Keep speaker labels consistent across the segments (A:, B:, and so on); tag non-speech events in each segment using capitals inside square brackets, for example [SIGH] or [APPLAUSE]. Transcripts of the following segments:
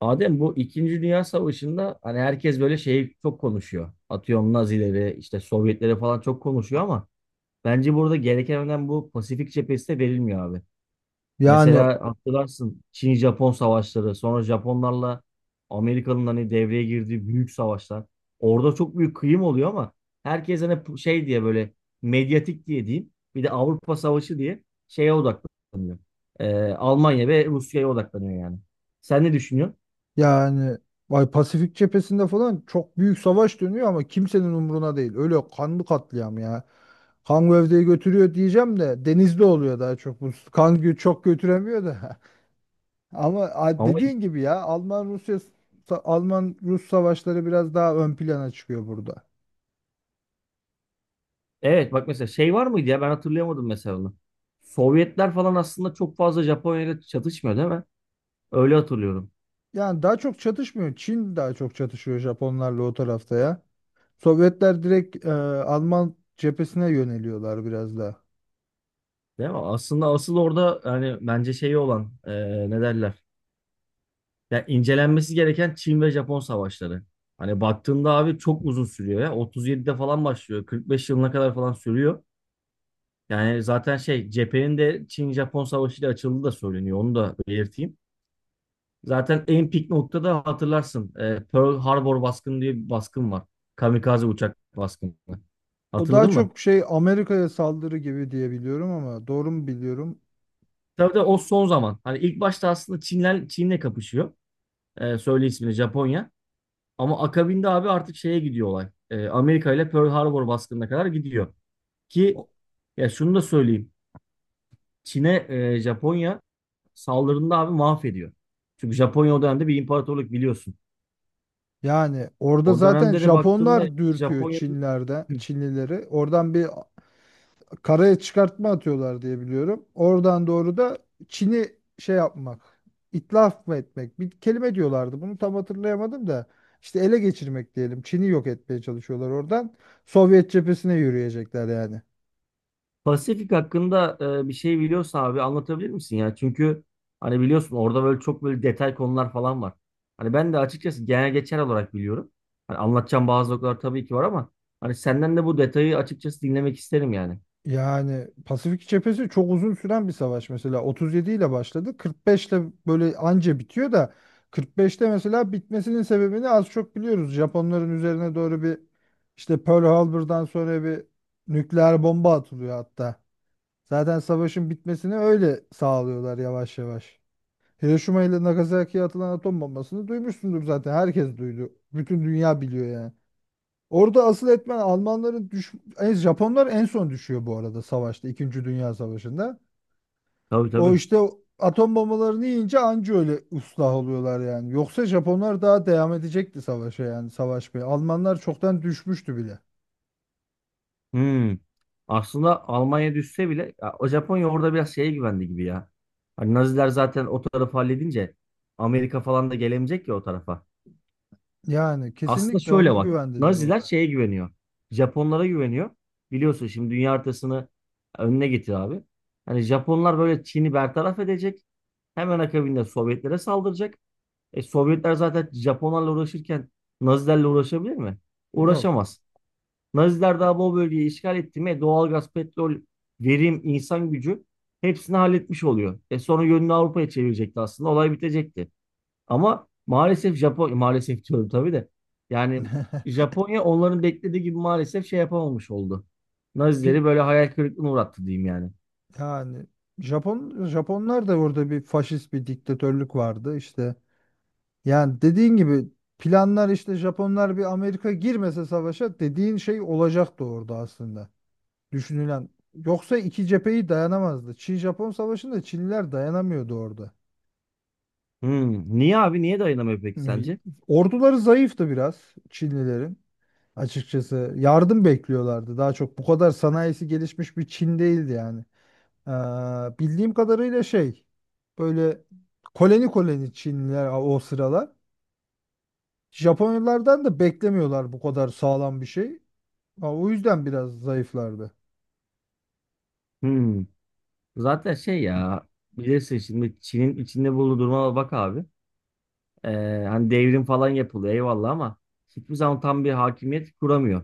A: Adem bu İkinci Dünya Savaşı'nda hani herkes böyle şeyi çok konuşuyor. Atıyorum Nazileri, işte Sovyetleri falan çok konuşuyor ama bence burada gereken önem bu Pasifik cephesi de verilmiyor abi.
B: Yani
A: Mesela hatırlarsın Çin-Japon savaşları, sonra Japonlarla Amerika'nın hani devreye girdiği büyük savaşlar. Orada çok büyük kıyım oluyor ama herkes hani şey diye böyle medyatik diye diyeyim. Bir de Avrupa Savaşı diye şeye odaklanıyor. Almanya ve Rusya'ya odaklanıyor yani. Sen ne düşünüyorsun?
B: yani vay Pasifik cephesinde falan çok büyük savaş dönüyor ama kimsenin umruna değil. Öyle kanlı katliam ya. Kan gövdeyi götürüyor diyeceğim de denizde oluyor daha çok. Bu çok götüremiyor da. [LAUGHS] Ama
A: Ama
B: dediğin gibi ya Alman Rus savaşları biraz daha ön plana çıkıyor burada.
A: evet, bak mesela şey var mıydı ya, ben hatırlayamadım mesela onu. Sovyetler falan aslında çok fazla Japonya ile çatışmıyor değil mi? Öyle hatırlıyorum.
B: Yani daha çok çatışmıyor. Çin daha çok çatışıyor Japonlarla o tarafta ya. Sovyetler direkt Alman cephesine yöneliyorlar biraz daha.
A: Değil mi? Aslında asıl orada yani bence şeyi olan ne derler? Ya incelenmesi gereken Çin ve Japon savaşları. Hani baktığında abi çok uzun sürüyor ya. 37'de falan başlıyor. 45 yılına kadar falan sürüyor. Yani zaten şey cephenin de Çin-Japon savaşıyla açıldığı da söyleniyor. Onu da belirteyim. Zaten en pik noktada hatırlarsın. Pearl Harbor baskını diye bir baskın var. Kamikaze uçak baskını.
B: O daha
A: Hatırladın mı?
B: çok şey Amerika'ya saldırı gibi diye biliyorum ama doğru mu biliyorum?
A: Tabii de o son zaman. Hani ilk başta aslında Çinler Çin'le kapışıyor. Söyle ismini Japonya. Ama akabinde abi artık şeye gidiyor olay. Amerika ile Pearl Harbor baskınına kadar gidiyor. Ki
B: O-
A: ya şunu da söyleyeyim. Çin'e Japonya saldırında abi mahvediyor. Çünkü Japonya o dönemde bir imparatorluk biliyorsun.
B: Yani orada
A: O
B: zaten
A: dönemde de baktığında
B: Japonlar dürtüyor
A: Japonya'nın
B: Çinlileri. Oradan bir karaya çıkartma atıyorlar diye biliyorum. Oradan doğru da Çin'i şey yapmak, itlaf mı etmek? Bir kelime diyorlardı. Bunu tam hatırlayamadım da. İşte ele geçirmek diyelim. Çin'i yok etmeye çalışıyorlar oradan. Sovyet cephesine yürüyecekler yani.
A: Pasifik hakkında bir şey biliyorsa abi anlatabilir misin ya? Çünkü hani biliyorsun orada böyle çok böyle detay konular falan var. Hani ben de açıkçası genel geçer olarak biliyorum. Hani anlatacağım bazı noktalar tabii ki var ama hani senden de bu detayı açıkçası dinlemek isterim yani.
B: Yani Pasifik cephesi çok uzun süren bir savaş, mesela 37 ile başladı, 45 ile böyle anca bitiyor da 45'te mesela bitmesinin sebebini az çok biliyoruz. Japonların üzerine doğru bir işte Pearl Harbor'dan sonra bir nükleer bomba atılıyor hatta. Zaten savaşın bitmesini öyle sağlıyorlar yavaş yavaş. Hiroşima ile Nagasaki'ye atılan atom bombasını duymuşsundur, zaten herkes duydu. Bütün dünya biliyor yani. Orada asıl etmen Almanların Japonlar en son düşüyor bu arada savaşta. İkinci Dünya Savaşı'nda.
A: Tabii,
B: O
A: tabii.
B: işte o atom bombalarını yiyince anca öyle ıslah oluyorlar yani. Yoksa Japonlar daha devam edecekti savaşa, yani savaşmaya. Almanlar çoktan düşmüştü bile.
A: Hmm. Aslında Almanya düşse bile ya, o Japonya orada biraz şeye güvendi gibi ya. Hani Naziler zaten o tarafı halledince Amerika falan da gelemeyecek ya o tarafa.
B: Yani
A: Aslında
B: kesinlikle ona
A: şöyle bak.
B: güvendiler
A: Naziler
B: orada.
A: şeye güveniyor. Japonlara güveniyor. Biliyorsun şimdi dünya haritasını önüne getir abi. Hani Japonlar böyle Çin'i bertaraf edecek. Hemen akabinde Sovyetlere saldıracak. E Sovyetler zaten Japonlarla uğraşırken Nazilerle uğraşabilir mi?
B: Yok.
A: Uğraşamaz. Naziler daha bu bölgeyi işgal etti mi doğalgaz, petrol, verim, insan gücü hepsini halletmiş oluyor. E sonra yönünü Avrupa'ya çevirecekti aslında. Olay bitecekti. Ama maalesef Japonya, maalesef diyorum tabii de. Yani
B: [LAUGHS]
A: Japonya onların beklediği gibi maalesef şey yapamamış oldu.
B: Pi-
A: Nazileri böyle hayal kırıklığına uğrattı diyeyim yani.
B: Yani Japonlar da orada bir faşist bir diktatörlük vardı. İşte yani dediğin gibi planlar işte Japonlar bir, Amerika girmese savaşa dediğin şey olacaktı orada aslında. Düşünülen. Yoksa iki cepheyi dayanamazdı. Çin-Japon savaşında Çinliler dayanamıyordu orada.
A: Hmm. Niye abi? Niye dayanamıyor peki
B: Yani
A: sence?
B: orduları zayıftı biraz Çinlilerin. Açıkçası yardım bekliyorlardı. Daha çok bu kadar sanayisi gelişmiş bir Çin değildi yani. Bildiğim kadarıyla şey böyle koloni koloni Çinliler o sıralar. Japonlardan da beklemiyorlar bu kadar sağlam bir şey. Ha, o yüzden biraz zayıflardı.
A: Hmm. Zaten şey ya, bilirsin şimdi Çin'in içinde bulunduğu duruma bak abi. Hani devrim falan yapılıyor eyvallah ama hiçbir zaman tam bir hakimiyet kuramıyor.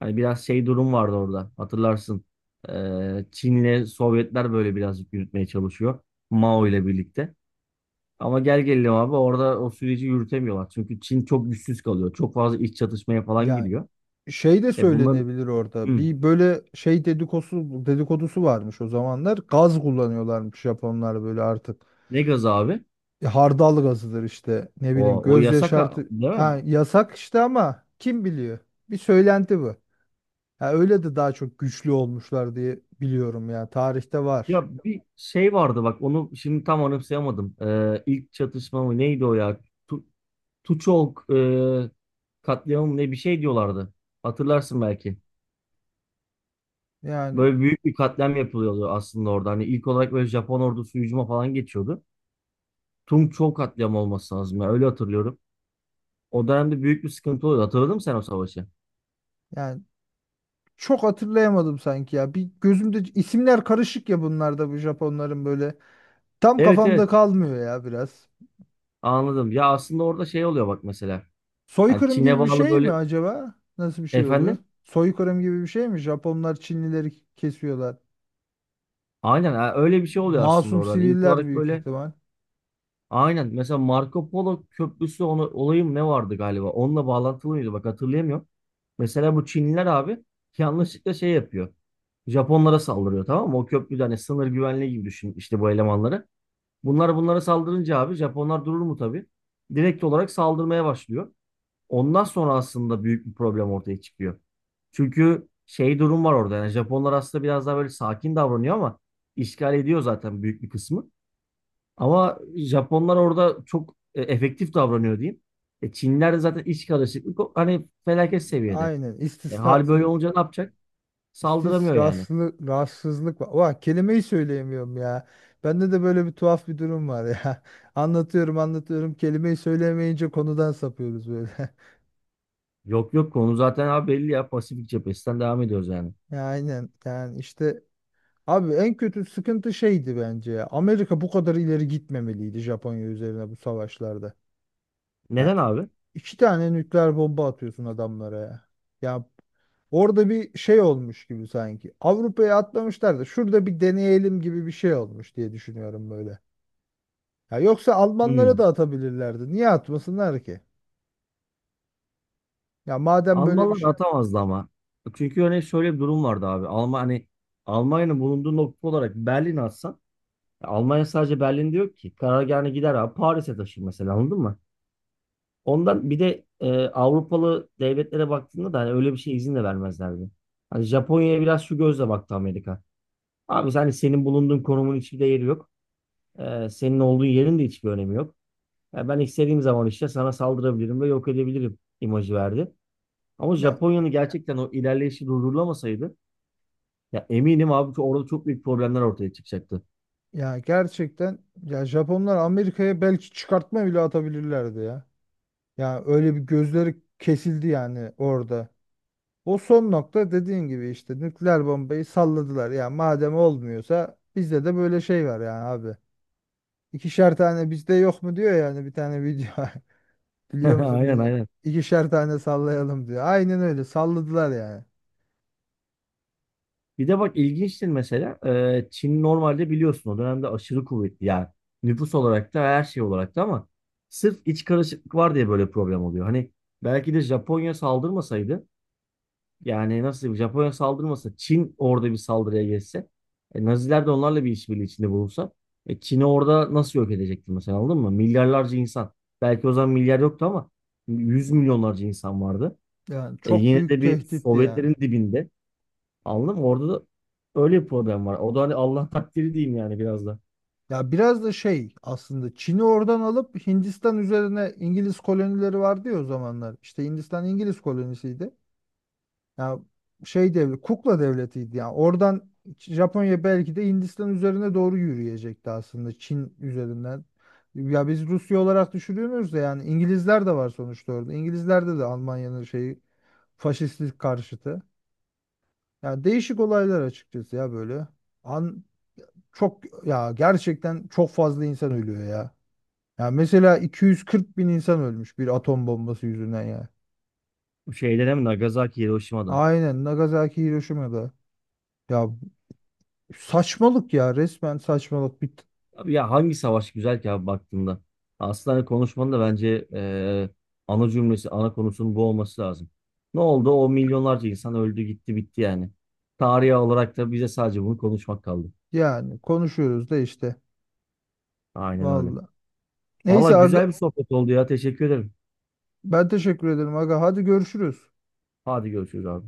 A: Hani biraz şey durum vardı orada hatırlarsın. Çin'le Sovyetler böyle birazcık yürütmeye çalışıyor. Mao ile birlikte. Ama gel gelelim abi orada o süreci yürütemiyorlar. Çünkü Çin çok güçsüz kalıyor. Çok fazla iç çatışmaya falan
B: Yani
A: giriyor.
B: şey de
A: E bunların
B: söylenebilir orada.
A: Hı,
B: Bir böyle şey dedikodusu, dedikodusu varmış o zamanlar. Gaz kullanıyorlarmış Japonlar böyle artık.
A: ne gazı abi?
B: E, hardal gazıdır işte. Ne bileyim,
A: O, o
B: göz
A: yasak
B: yaşartı.
A: değil mi?
B: Ha, yasak işte ama kim biliyor? Bir söylenti bu. Ha, öyle de daha çok güçlü olmuşlar diye biliyorum ya. Tarihte var.
A: Ya bir şey vardı bak onu şimdi tam anımsayamadım. İlk çatışma mı neydi o ya? Tuçok katliamı ne bir şey diyorlardı. Hatırlarsın belki.
B: Yani
A: Böyle büyük bir katliam yapılıyordu aslında orada. Hani ilk olarak böyle Japon ordusu hücuma falan geçiyordu. Tungçok katliamı olması lazım. Ya, öyle hatırlıyorum. O dönemde büyük bir sıkıntı oluyordu. Hatırladın mı sen o savaşı?
B: yani çok hatırlayamadım sanki ya. Bir, gözümde isimler karışık ya bunlarda, bu Japonların böyle. Tam
A: Evet,
B: kafamda
A: evet,
B: kalmıyor ya biraz.
A: anladım. Ya aslında orada şey oluyor bak mesela. Yani
B: Soykırım
A: Çin'e
B: gibi bir
A: bağlı
B: şey mi
A: böyle
B: acaba? Nasıl bir şey oluyor?
A: efendim.
B: Soykırım gibi bir şey mi? Japonlar Çinlileri kesiyorlar.
A: Aynen, ha, öyle bir şey oluyor aslında
B: Masum
A: orada. Hani ilk
B: siviller
A: olarak
B: büyük
A: böyle
B: ihtimal.
A: aynen. Mesela Marco Polo Köprüsü onu, olayı mı ne vardı galiba? Onunla bağlantılı mıydı? Bak hatırlayamıyorum. Mesela bu Çinliler abi yanlışlıkla şey yapıyor. Japonlara saldırıyor tamam mı? O köprüde hani sınır güvenliği gibi düşün işte bu elemanları. Bunlara saldırınca abi Japonlar durur mu tabii? Direkt olarak saldırmaya başlıyor. Ondan sonra aslında büyük bir problem ortaya çıkıyor. Çünkü şey durum var orada yani Japonlar aslında biraz daha böyle sakin davranıyor ama işgal ediyor zaten büyük bir kısmı. Ama Japonlar orada çok efektif davranıyor diyeyim. Çinliler de zaten iç karışıklık hani felaket seviyede.
B: Aynen.
A: Hal böyle olunca ne yapacak? Saldıramıyor yani.
B: İstisraslı, rahatsızlık var. Vah, kelimeyi söyleyemiyorum ya. Bende de böyle bir tuhaf bir durum var ya. [LAUGHS] Anlatıyorum anlatıyorum. Kelimeyi söyleyemeyince konudan sapıyoruz böyle. [LAUGHS]
A: Yok, yok, konu zaten abi belli ya, Pasifik cephesinden devam ediyoruz yani.
B: Ya, aynen. Yani işte abi en kötü sıkıntı şeydi bence ya. Amerika bu kadar ileri gitmemeliydi Japonya üzerine bu savaşlarda. Ya
A: Neden abi?
B: iki tane nükleer bomba atıyorsun adamlara ya. Ya orada bir şey olmuş gibi sanki. Avrupa'ya atlamışlar da şurada bir deneyelim gibi bir şey olmuş diye düşünüyorum böyle. Ya yoksa Almanlara
A: Hmm.
B: da atabilirlerdi. Niye atmasınlar ki? Ya madem böyle bir
A: Almanlar
B: şey,
A: atamazdı ama. Çünkü hani şöyle bir durum vardı abi. Alman hani Almanya'nın bulunduğu nokta olarak Berlin atsan ya Almanya sadece Berlin diyor ki. Karargahına gider abi Paris'e taşır mesela, anladın mı? Ondan bir de Avrupalı devletlere baktığında da hani öyle bir şey izin de vermezlerdi. Hani Japonya'ya biraz şu gözle baktı Amerika. Abi hani senin bulunduğun konumun hiçbir değeri yok. Senin olduğun yerin de hiçbir önemi yok. Ya ben istediğim zaman işte sana saldırabilirim ve yok edebilirim imajı verdi. Ama
B: ya
A: Japonya'nın gerçekten o ilerleyişi durdurulamasaydı ya eminim abi ki orada çok büyük problemler ortaya çıkacaktı.
B: ya gerçekten ya Japonlar Amerika'ya belki çıkartma bile atabilirlerdi ya. Ya öyle bir gözleri kesildi yani orada. O son nokta dediğin gibi işte nükleer bombayı salladılar. Ya madem olmuyorsa bizde de böyle şey var yani abi. İkişer tane bizde yok mu diyor yani, bir tane video. [LAUGHS]
A: [LAUGHS]
B: Biliyor musun?
A: Aynen,
B: Bilmiyorum.
A: aynen.
B: İkişer tane sallayalım diyor. Aynen öyle salladılar yani.
A: Bir de bak ilginçtir mesela Çin normalde biliyorsun o dönemde aşırı kuvvetli yani nüfus olarak da her şey olarak da ama sırf iç karışıklık var diye böyle problem oluyor. Hani belki de Japonya saldırmasaydı, yani nasıl diyeyim, Japonya saldırmasa Çin orada bir saldırıya geçse Naziler de onlarla bir işbirliği içinde bulunsa Çin'i orada nasıl yok edecekti mesela, anladın mı? Milyarlarca insan, belki o zaman milyar yoktu ama yüz milyonlarca insan vardı.
B: Yani çok
A: Yine
B: büyük
A: de bir
B: tehditti yani.
A: Sovyetlerin dibinde, anladın mı? Orada da öyle bir problem var. O da hani Allah takdiri diyeyim yani biraz da.
B: Ya biraz da şey aslında, Çin'i oradan alıp Hindistan üzerine İngiliz kolonileri vardı ya o zamanlar. İşte Hindistan İngiliz kolonisiydi. Ya şey devlet, kukla devletiydi yani. Oradan Japonya belki de Hindistan üzerine doğru yürüyecekti aslında Çin üzerinden. Ya biz Rusya olarak düşürüyoruz da yani İngilizler de var sonuçta orada. İngilizlerde de Almanya'nın şeyi, faşistlik karşıtı. Ya değişik olaylar açıkçası ya böyle. An çok ya, gerçekten çok fazla insan ölüyor ya. Ya mesela 240 bin insan ölmüş bir atom bombası yüzünden ya.
A: Bu şeyde hem Nagasaki, Hiroşima'da.
B: Aynen Nagasaki Hiroşima'da. Ya saçmalık ya, resmen saçmalık.
A: Abi ya hangi savaş güzel ki abi baktığında. Aslında hani konuşmanın da bence ana cümlesi, ana konusunun bu olması lazım. Ne oldu? O milyonlarca insan öldü, gitti, bitti yani. Tarihi olarak da bize sadece bunu konuşmak kaldı.
B: Yani konuşuyoruz da işte.
A: Aynen öyle.
B: Vallahi.
A: Valla
B: Neyse aga,
A: güzel bir sohbet oldu ya. Teşekkür ederim.
B: ben teşekkür ederim aga. Hadi görüşürüz.
A: Hadi görüşürüz abi.